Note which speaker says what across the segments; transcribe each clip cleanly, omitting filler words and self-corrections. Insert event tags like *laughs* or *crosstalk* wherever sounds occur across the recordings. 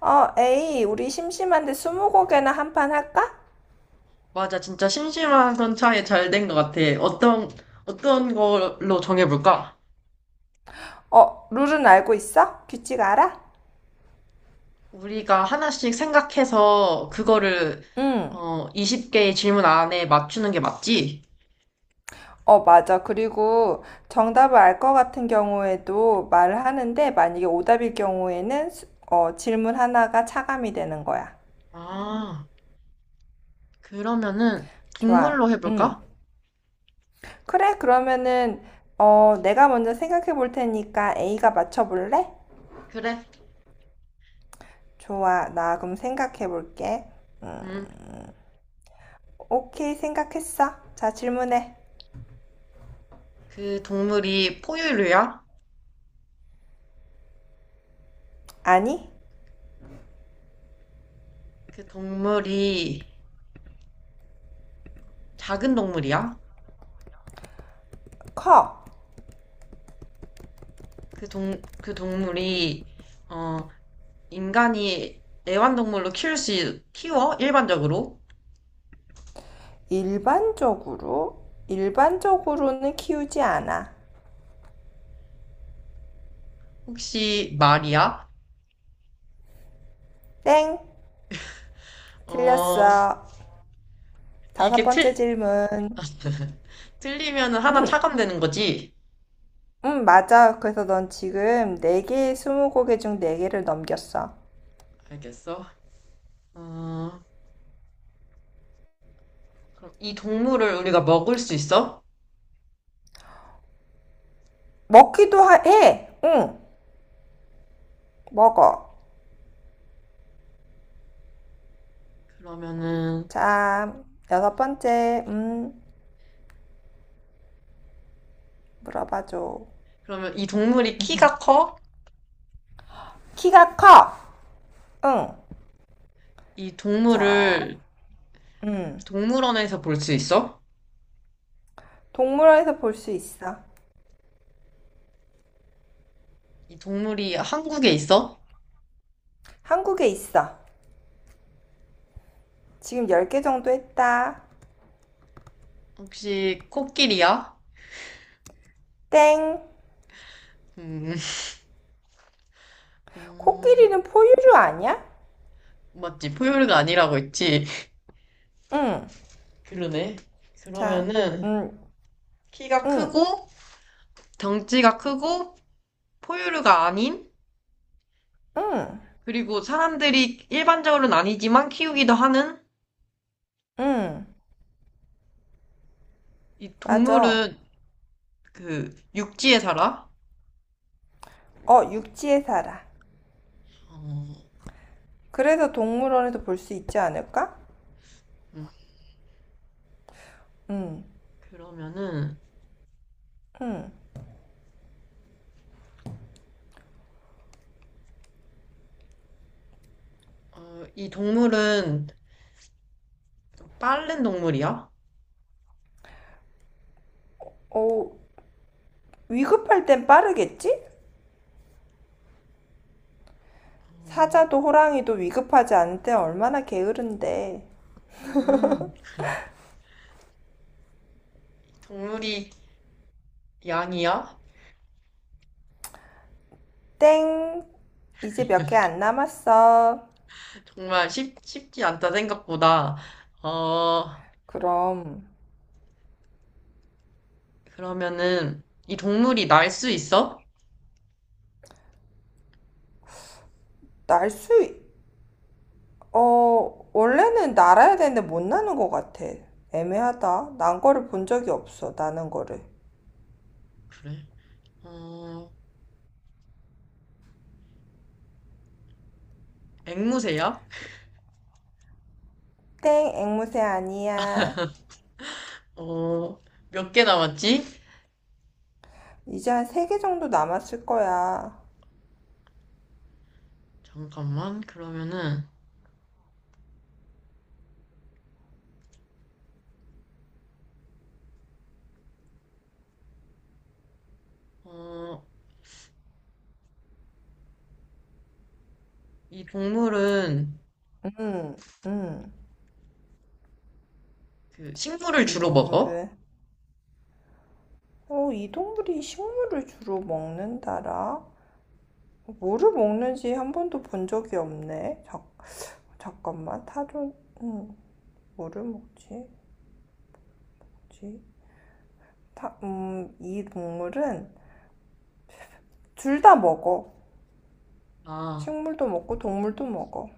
Speaker 1: 에이, 우리 심심한데 스무고개나 한 판 할까?
Speaker 2: 맞아. 진짜 심심한 선차에 잘 된 것 같아. 어떤 걸로 정해볼까?
Speaker 1: 룰은 알고 있어? 규칙 알아?
Speaker 2: 우리가 하나씩 생각해서 그거를,
Speaker 1: 응.
Speaker 2: 어, 20개의 질문 안에 맞추는 게 맞지?
Speaker 1: 맞아. 그리고 정답을 알 것 같은 경우에도 말을 하는데 만약에 오답일 경우에는 질문 하나가 차감이 되는 거야.
Speaker 2: 아, 그러면은
Speaker 1: 좋아.
Speaker 2: 동물로
Speaker 1: 응.
Speaker 2: 해볼까?
Speaker 1: 그래, 그러면은 내가 먼저 생각해 볼 테니까 A가 맞춰 볼래?
Speaker 2: 그래.
Speaker 1: 좋아. 나 그럼 생각해 볼게. 음,
Speaker 2: 음,
Speaker 1: 오케이, 생각했어. 자, 질문해.
Speaker 2: 그 동물이 포유류야?
Speaker 1: 아니,
Speaker 2: 그 동물이 작은 동물이야?
Speaker 1: 커.
Speaker 2: 그 동물이, 어, 인간이 애완동물로 키워? 일반적으로?
Speaker 1: 일반적으로? 일반적으로는 키우지 않아.
Speaker 2: 혹시 말이야?
Speaker 1: 땡!
Speaker 2: 어,
Speaker 1: 틀렸어. 다섯
Speaker 2: 이게 틀,
Speaker 1: 번째 질문.
Speaker 2: *laughs* 틀리면 하나 차감되는 거지?
Speaker 1: 맞아. 그래서 넌 지금 네개의 스무고개 중 네개를 넘겼어.
Speaker 2: 알겠어. 어, 그럼 이 동물을 우리가 먹을 수 있어?
Speaker 1: 먹기도 해! 응, 먹어.
Speaker 2: 그러면은,
Speaker 1: 자, 여섯 번째. 물어봐줘.
Speaker 2: 그러면 이 동물이 키가
Speaker 1: *laughs*
Speaker 2: 커?
Speaker 1: 키가 커! 응.
Speaker 2: 이
Speaker 1: 자,
Speaker 2: 동물을
Speaker 1: 음.
Speaker 2: 동물원에서 볼 수 있어?
Speaker 1: 동물원에서 볼 수 있어.
Speaker 2: 이 동물이 한국에 있어?
Speaker 1: 한국에 있어. 지금 열 개 정도 했다.
Speaker 2: 혹시 코끼리야?
Speaker 1: 땡!
Speaker 2: 음, *laughs* 음,
Speaker 1: 코끼리는 포유류 아니야?
Speaker 2: 맞지. 포유류가 아니라고 했지.
Speaker 1: 응.
Speaker 2: 그러네.
Speaker 1: 자,
Speaker 2: 그러면은,
Speaker 1: 응,
Speaker 2: 키가
Speaker 1: 응,
Speaker 2: 크고, 덩치가 크고, 포유류가 아닌
Speaker 1: 응,
Speaker 2: 그리고 사람들이 일반적으로는 아니지만 키우기도 하는
Speaker 1: 응.
Speaker 2: 이
Speaker 1: 맞아.
Speaker 2: 동물은 그 육지에 살아.
Speaker 1: 어, 육지에 살아.
Speaker 2: 어,
Speaker 1: 그래서 동물원에서 볼 수 있지 않을까?
Speaker 2: 음,
Speaker 1: 응,
Speaker 2: 그러면은
Speaker 1: 응.
Speaker 2: 어, 이 동물은 좀 빠른 동물이야?
Speaker 1: 어, 위급할 땐 빠르겠지?
Speaker 2: 어,
Speaker 1: 사자도 호랑이도 위급하지 않을 때 얼마나 게으른데.
Speaker 2: 음, 이 동물이 양이야?
Speaker 1: 땡. 이제 몇 개 안 남았어.
Speaker 2: 정말 쉽지 않다 생각보다. 어,
Speaker 1: 그럼,
Speaker 2: 그러면은 이 동물이 날 수 있어?
Speaker 1: 날수 원래는 날아야 되는데 못 나는 것 같아. 애매하다. 난 거를 본 적이 없어, 나는 거를.
Speaker 2: 그래. 어, 앵무새야?
Speaker 1: 땡, 앵무새 아니야.
Speaker 2: 어, 몇 개 남았지?
Speaker 1: 이제 한 세 개 정도 남았을 거야.
Speaker 2: 잠깐만. 그러면은 어, 이 동물은
Speaker 1: 음, 음,
Speaker 2: 그 식물을
Speaker 1: 이
Speaker 2: 주로 먹어?
Speaker 1: 동물을. 이 동물이 식물을 주로 먹는다라? 뭐를 먹는지 한 번도 본 적이 없네. 자, 잠깐만, 타조, 음, 뭐를 먹지? 뭐지? 이 동물은 둘 다 먹어.
Speaker 2: 아,
Speaker 1: 식물도 먹고 동물도 먹어.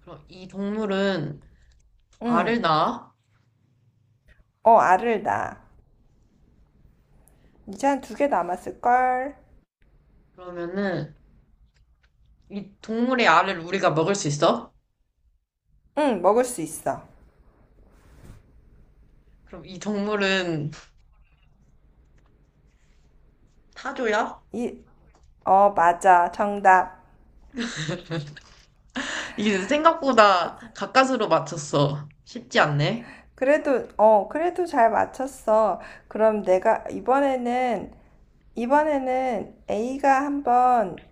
Speaker 2: 그럼 이 동물은
Speaker 1: 응.
Speaker 2: 알을 낳아?
Speaker 1: 어, 알을 낳아. 이제 한 두 개 남았을걸?
Speaker 2: 그러면은 이 동물의 알을 우리가 먹을 수 있어?
Speaker 1: 응, 먹을 수 있어.
Speaker 2: 그럼 이 동물은 타조야?
Speaker 1: 이, 어, 맞아. 정답.
Speaker 2: 이게 생각보다 가까스로 맞췄어. 쉽지 않네.
Speaker 1: 그래도 잘 맞췄어. 그럼 내가 이번에는, 이번에는 A가 한번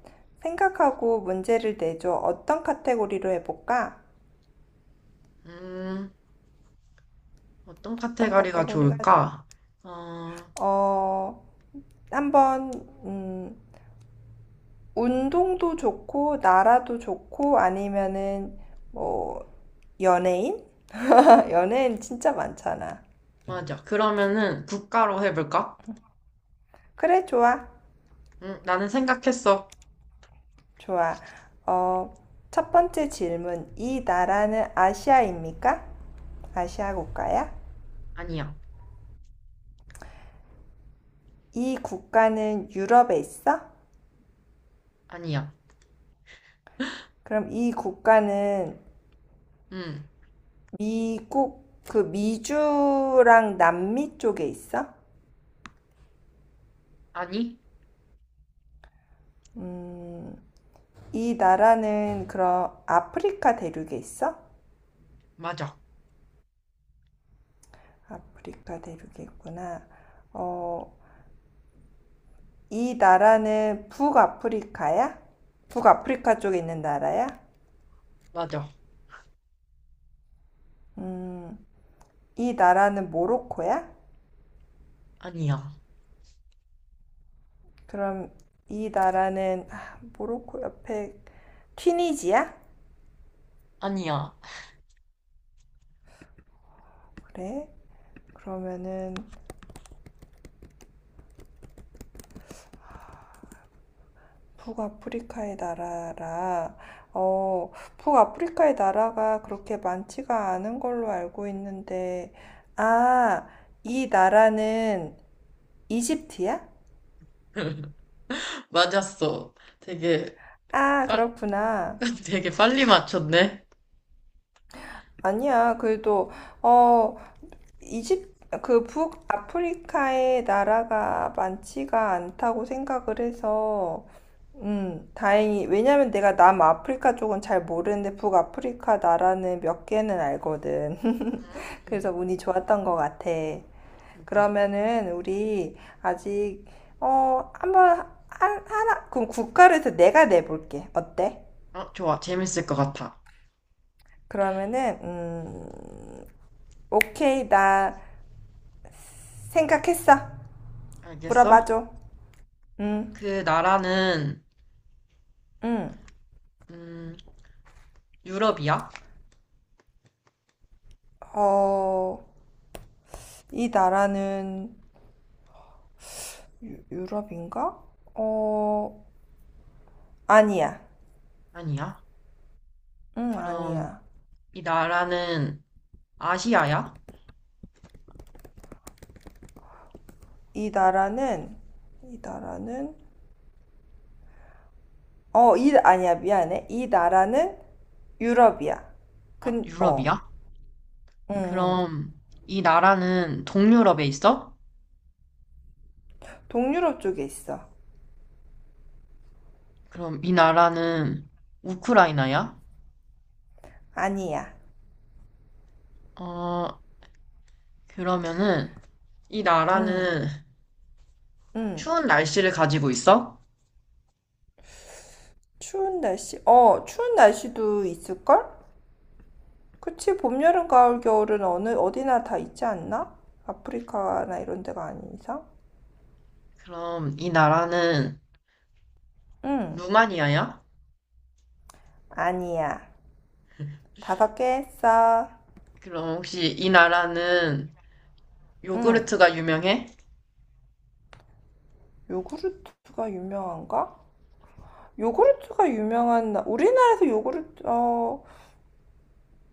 Speaker 1: 생각하고 문제를 내줘. 어떤 카테고리로 해볼까?
Speaker 2: 음, 어떤
Speaker 1: 어떤
Speaker 2: 카테고리가
Speaker 1: 카테고리가,
Speaker 2: 좋을까? 어,
Speaker 1: 어, 한번, 음, 운동도 좋고, 나라도 좋고, 아니면은 뭐 연예인? *laughs* 연예인 진짜 많잖아.
Speaker 2: 맞아. 그러면은 국가로 해볼까?
Speaker 1: 그래, 좋아.
Speaker 2: 나는 생각했어.
Speaker 1: 좋아. 어, 첫 번째 질문. 이 나라는 아시아입니까? 아시아 국가야?
Speaker 2: 아니야.
Speaker 1: 이 국가는 유럽에 있어?
Speaker 2: 아니야.
Speaker 1: 그럼 이 국가는
Speaker 2: 음.
Speaker 1: 미국, 그 미주랑 남미 쪽에 있어?
Speaker 2: 아니,
Speaker 1: 음, 이 나라는 그럼 아프리카 대륙에 있어?
Speaker 2: 맞아.
Speaker 1: 아프리카 대륙이구나. 어, 이 나라는 북아프리카야? 북아프리카 쪽에 있는 나라야?
Speaker 2: 맞아.
Speaker 1: 음, 이 나라는 모로코야?
Speaker 2: 아니야.
Speaker 1: 그럼 이 나라는 아, 모로코 옆에 튀니지야?
Speaker 2: 아니야.
Speaker 1: 그래? 그러면은 북아프리카의 나라라. 어, 북아프리카의 나라가 그렇게 많지가 않은 걸로 알고 있는데, 아, 이 나라는 이집트야?
Speaker 2: *laughs* 맞았어. 되게,
Speaker 1: 아,
Speaker 2: 빨,
Speaker 1: 그렇구나.
Speaker 2: *laughs* 되게 빨리 맞췄네.
Speaker 1: 아니야. 그래도 어, 이집 그 북아프리카의 나라가 많지가 않다고 생각을 해서 다행히 왜냐면 내가 남아프리카 쪽은 잘 모르는데 북아프리카 나라는 몇 개는 알거든. *laughs* 그래서
Speaker 2: 음,
Speaker 1: 운이 좋았던 것 같아.
Speaker 2: 그러니까.
Speaker 1: 그러면은 우리 아직 한번 하나 그럼 국가를 해서 내가 내볼게. 어때?
Speaker 2: 어, 좋아. 재밌을 것 같아.
Speaker 1: 그러면은 오케이, 나 생각했어.
Speaker 2: 알겠어?
Speaker 1: 물어봐줘. 응,
Speaker 2: 그 나라는,
Speaker 1: 응.
Speaker 2: 음, 유럽이야?
Speaker 1: 어, 이 나라는 유럽인가? 어, 아니야.
Speaker 2: 아니야.
Speaker 1: 응,
Speaker 2: 그럼,
Speaker 1: 아니야.
Speaker 2: 이 나라는 아시아야?
Speaker 1: 이 나라는, 이 나라는, 아니야, 미안해. 이 나라는 유럽이야.
Speaker 2: 아,
Speaker 1: 근, 어,
Speaker 2: 유럽이야?
Speaker 1: 응, 응.
Speaker 2: 그럼, 이 나라는 동유럽에 있어?
Speaker 1: 동유럽 쪽에 있어.
Speaker 2: 그럼 이 나라는 우크라이나야?
Speaker 1: 아니야.
Speaker 2: 어, 그러면은, 이
Speaker 1: 응,
Speaker 2: 나라는
Speaker 1: 응.
Speaker 2: 추운 날씨를 가지고 있어?
Speaker 1: 추운 날씨, 추운 날씨도 있을걸? 그치, 봄, 여름, 가을, 겨울은 어느, 어디나 다 있지 않나? 아프리카나 이런 데가 아닌 이상?
Speaker 2: 그럼 이 나라는
Speaker 1: 응,
Speaker 2: 루마니아야?
Speaker 1: 아니야. 다섯 개 했어.
Speaker 2: 그럼 혹시 이 나라는
Speaker 1: 응,
Speaker 2: 요구르트가 유명해?
Speaker 1: 요구르트가 유명한가? 요구르트가 유명한, 우리나라에서 요구르트,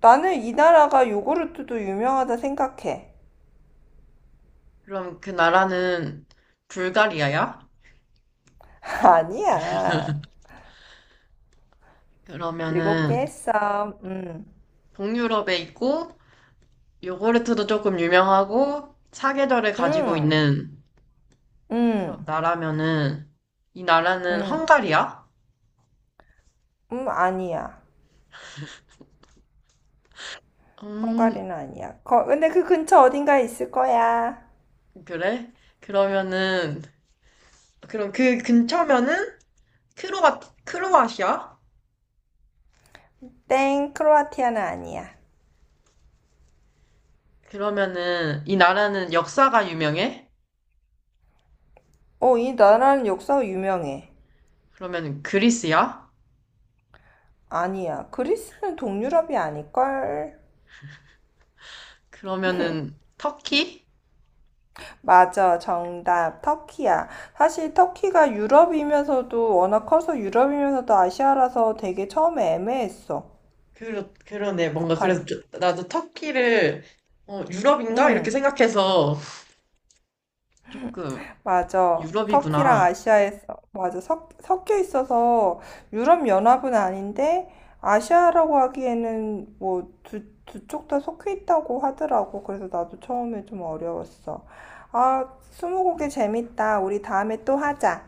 Speaker 1: 나는 이 나라가 요구르트도 유명하다 생각해.
Speaker 2: 그럼 그 나라는 불가리아야?
Speaker 1: *laughs* 아니야. 일곱
Speaker 2: 그러면은
Speaker 1: 개 했어. 응,
Speaker 2: 동유럽에 있고 요구르트도 조금 유명하고 사계절을 가지고
Speaker 1: 응,
Speaker 2: 있는 그런
Speaker 1: 응,
Speaker 2: 나라면은 이 나라는
Speaker 1: 응,
Speaker 2: 헝가리야?
Speaker 1: 응, 아니야.
Speaker 2: 음,
Speaker 1: 헝가리는 아니야. 근데 그 근처 어딘가에 있을 거야.
Speaker 2: 그래? 그러면은 그럼 그 근처면은 크로아 크로아시아?
Speaker 1: 땡, 크로아티아는 아니야.
Speaker 2: 그러면은 이 나라는 역사가 유명해?
Speaker 1: 이 나라는 역사가 유명해.
Speaker 2: 그러면 그리스야?
Speaker 1: 아니야. 그리스는 동유럽이 아닐걸?
Speaker 2: 그러면은 터키?
Speaker 1: 맞아. 정답. 터키야. 사실 터키가 유럽이면서도 워낙 커서 유럽이면서도 아시아라서 되게 처음에 애매했어.
Speaker 2: 그러네. 뭔가
Speaker 1: 답하기.
Speaker 2: 그래서 좀- 나도 터키를 어, 유럽인가? 이렇게
Speaker 1: 응.
Speaker 2: 생각해서 조금
Speaker 1: 맞아. 터키랑
Speaker 2: 유럽이구나.
Speaker 1: 아시아에서, 맞아. 섞, 여 있어서 유럽연합은 아닌데, 아시아라고 하기에는 뭐 두, 두 쪽 다 섞여 있다고 하더라고. 그래서 나도 처음에 좀 어려웠어. 아, 스무고개 재밌다. 우리 다음에 또 하자.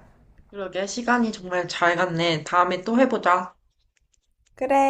Speaker 2: 그러게 시간이 정말 잘 갔네. 다음에 또 해보자.
Speaker 1: 그래.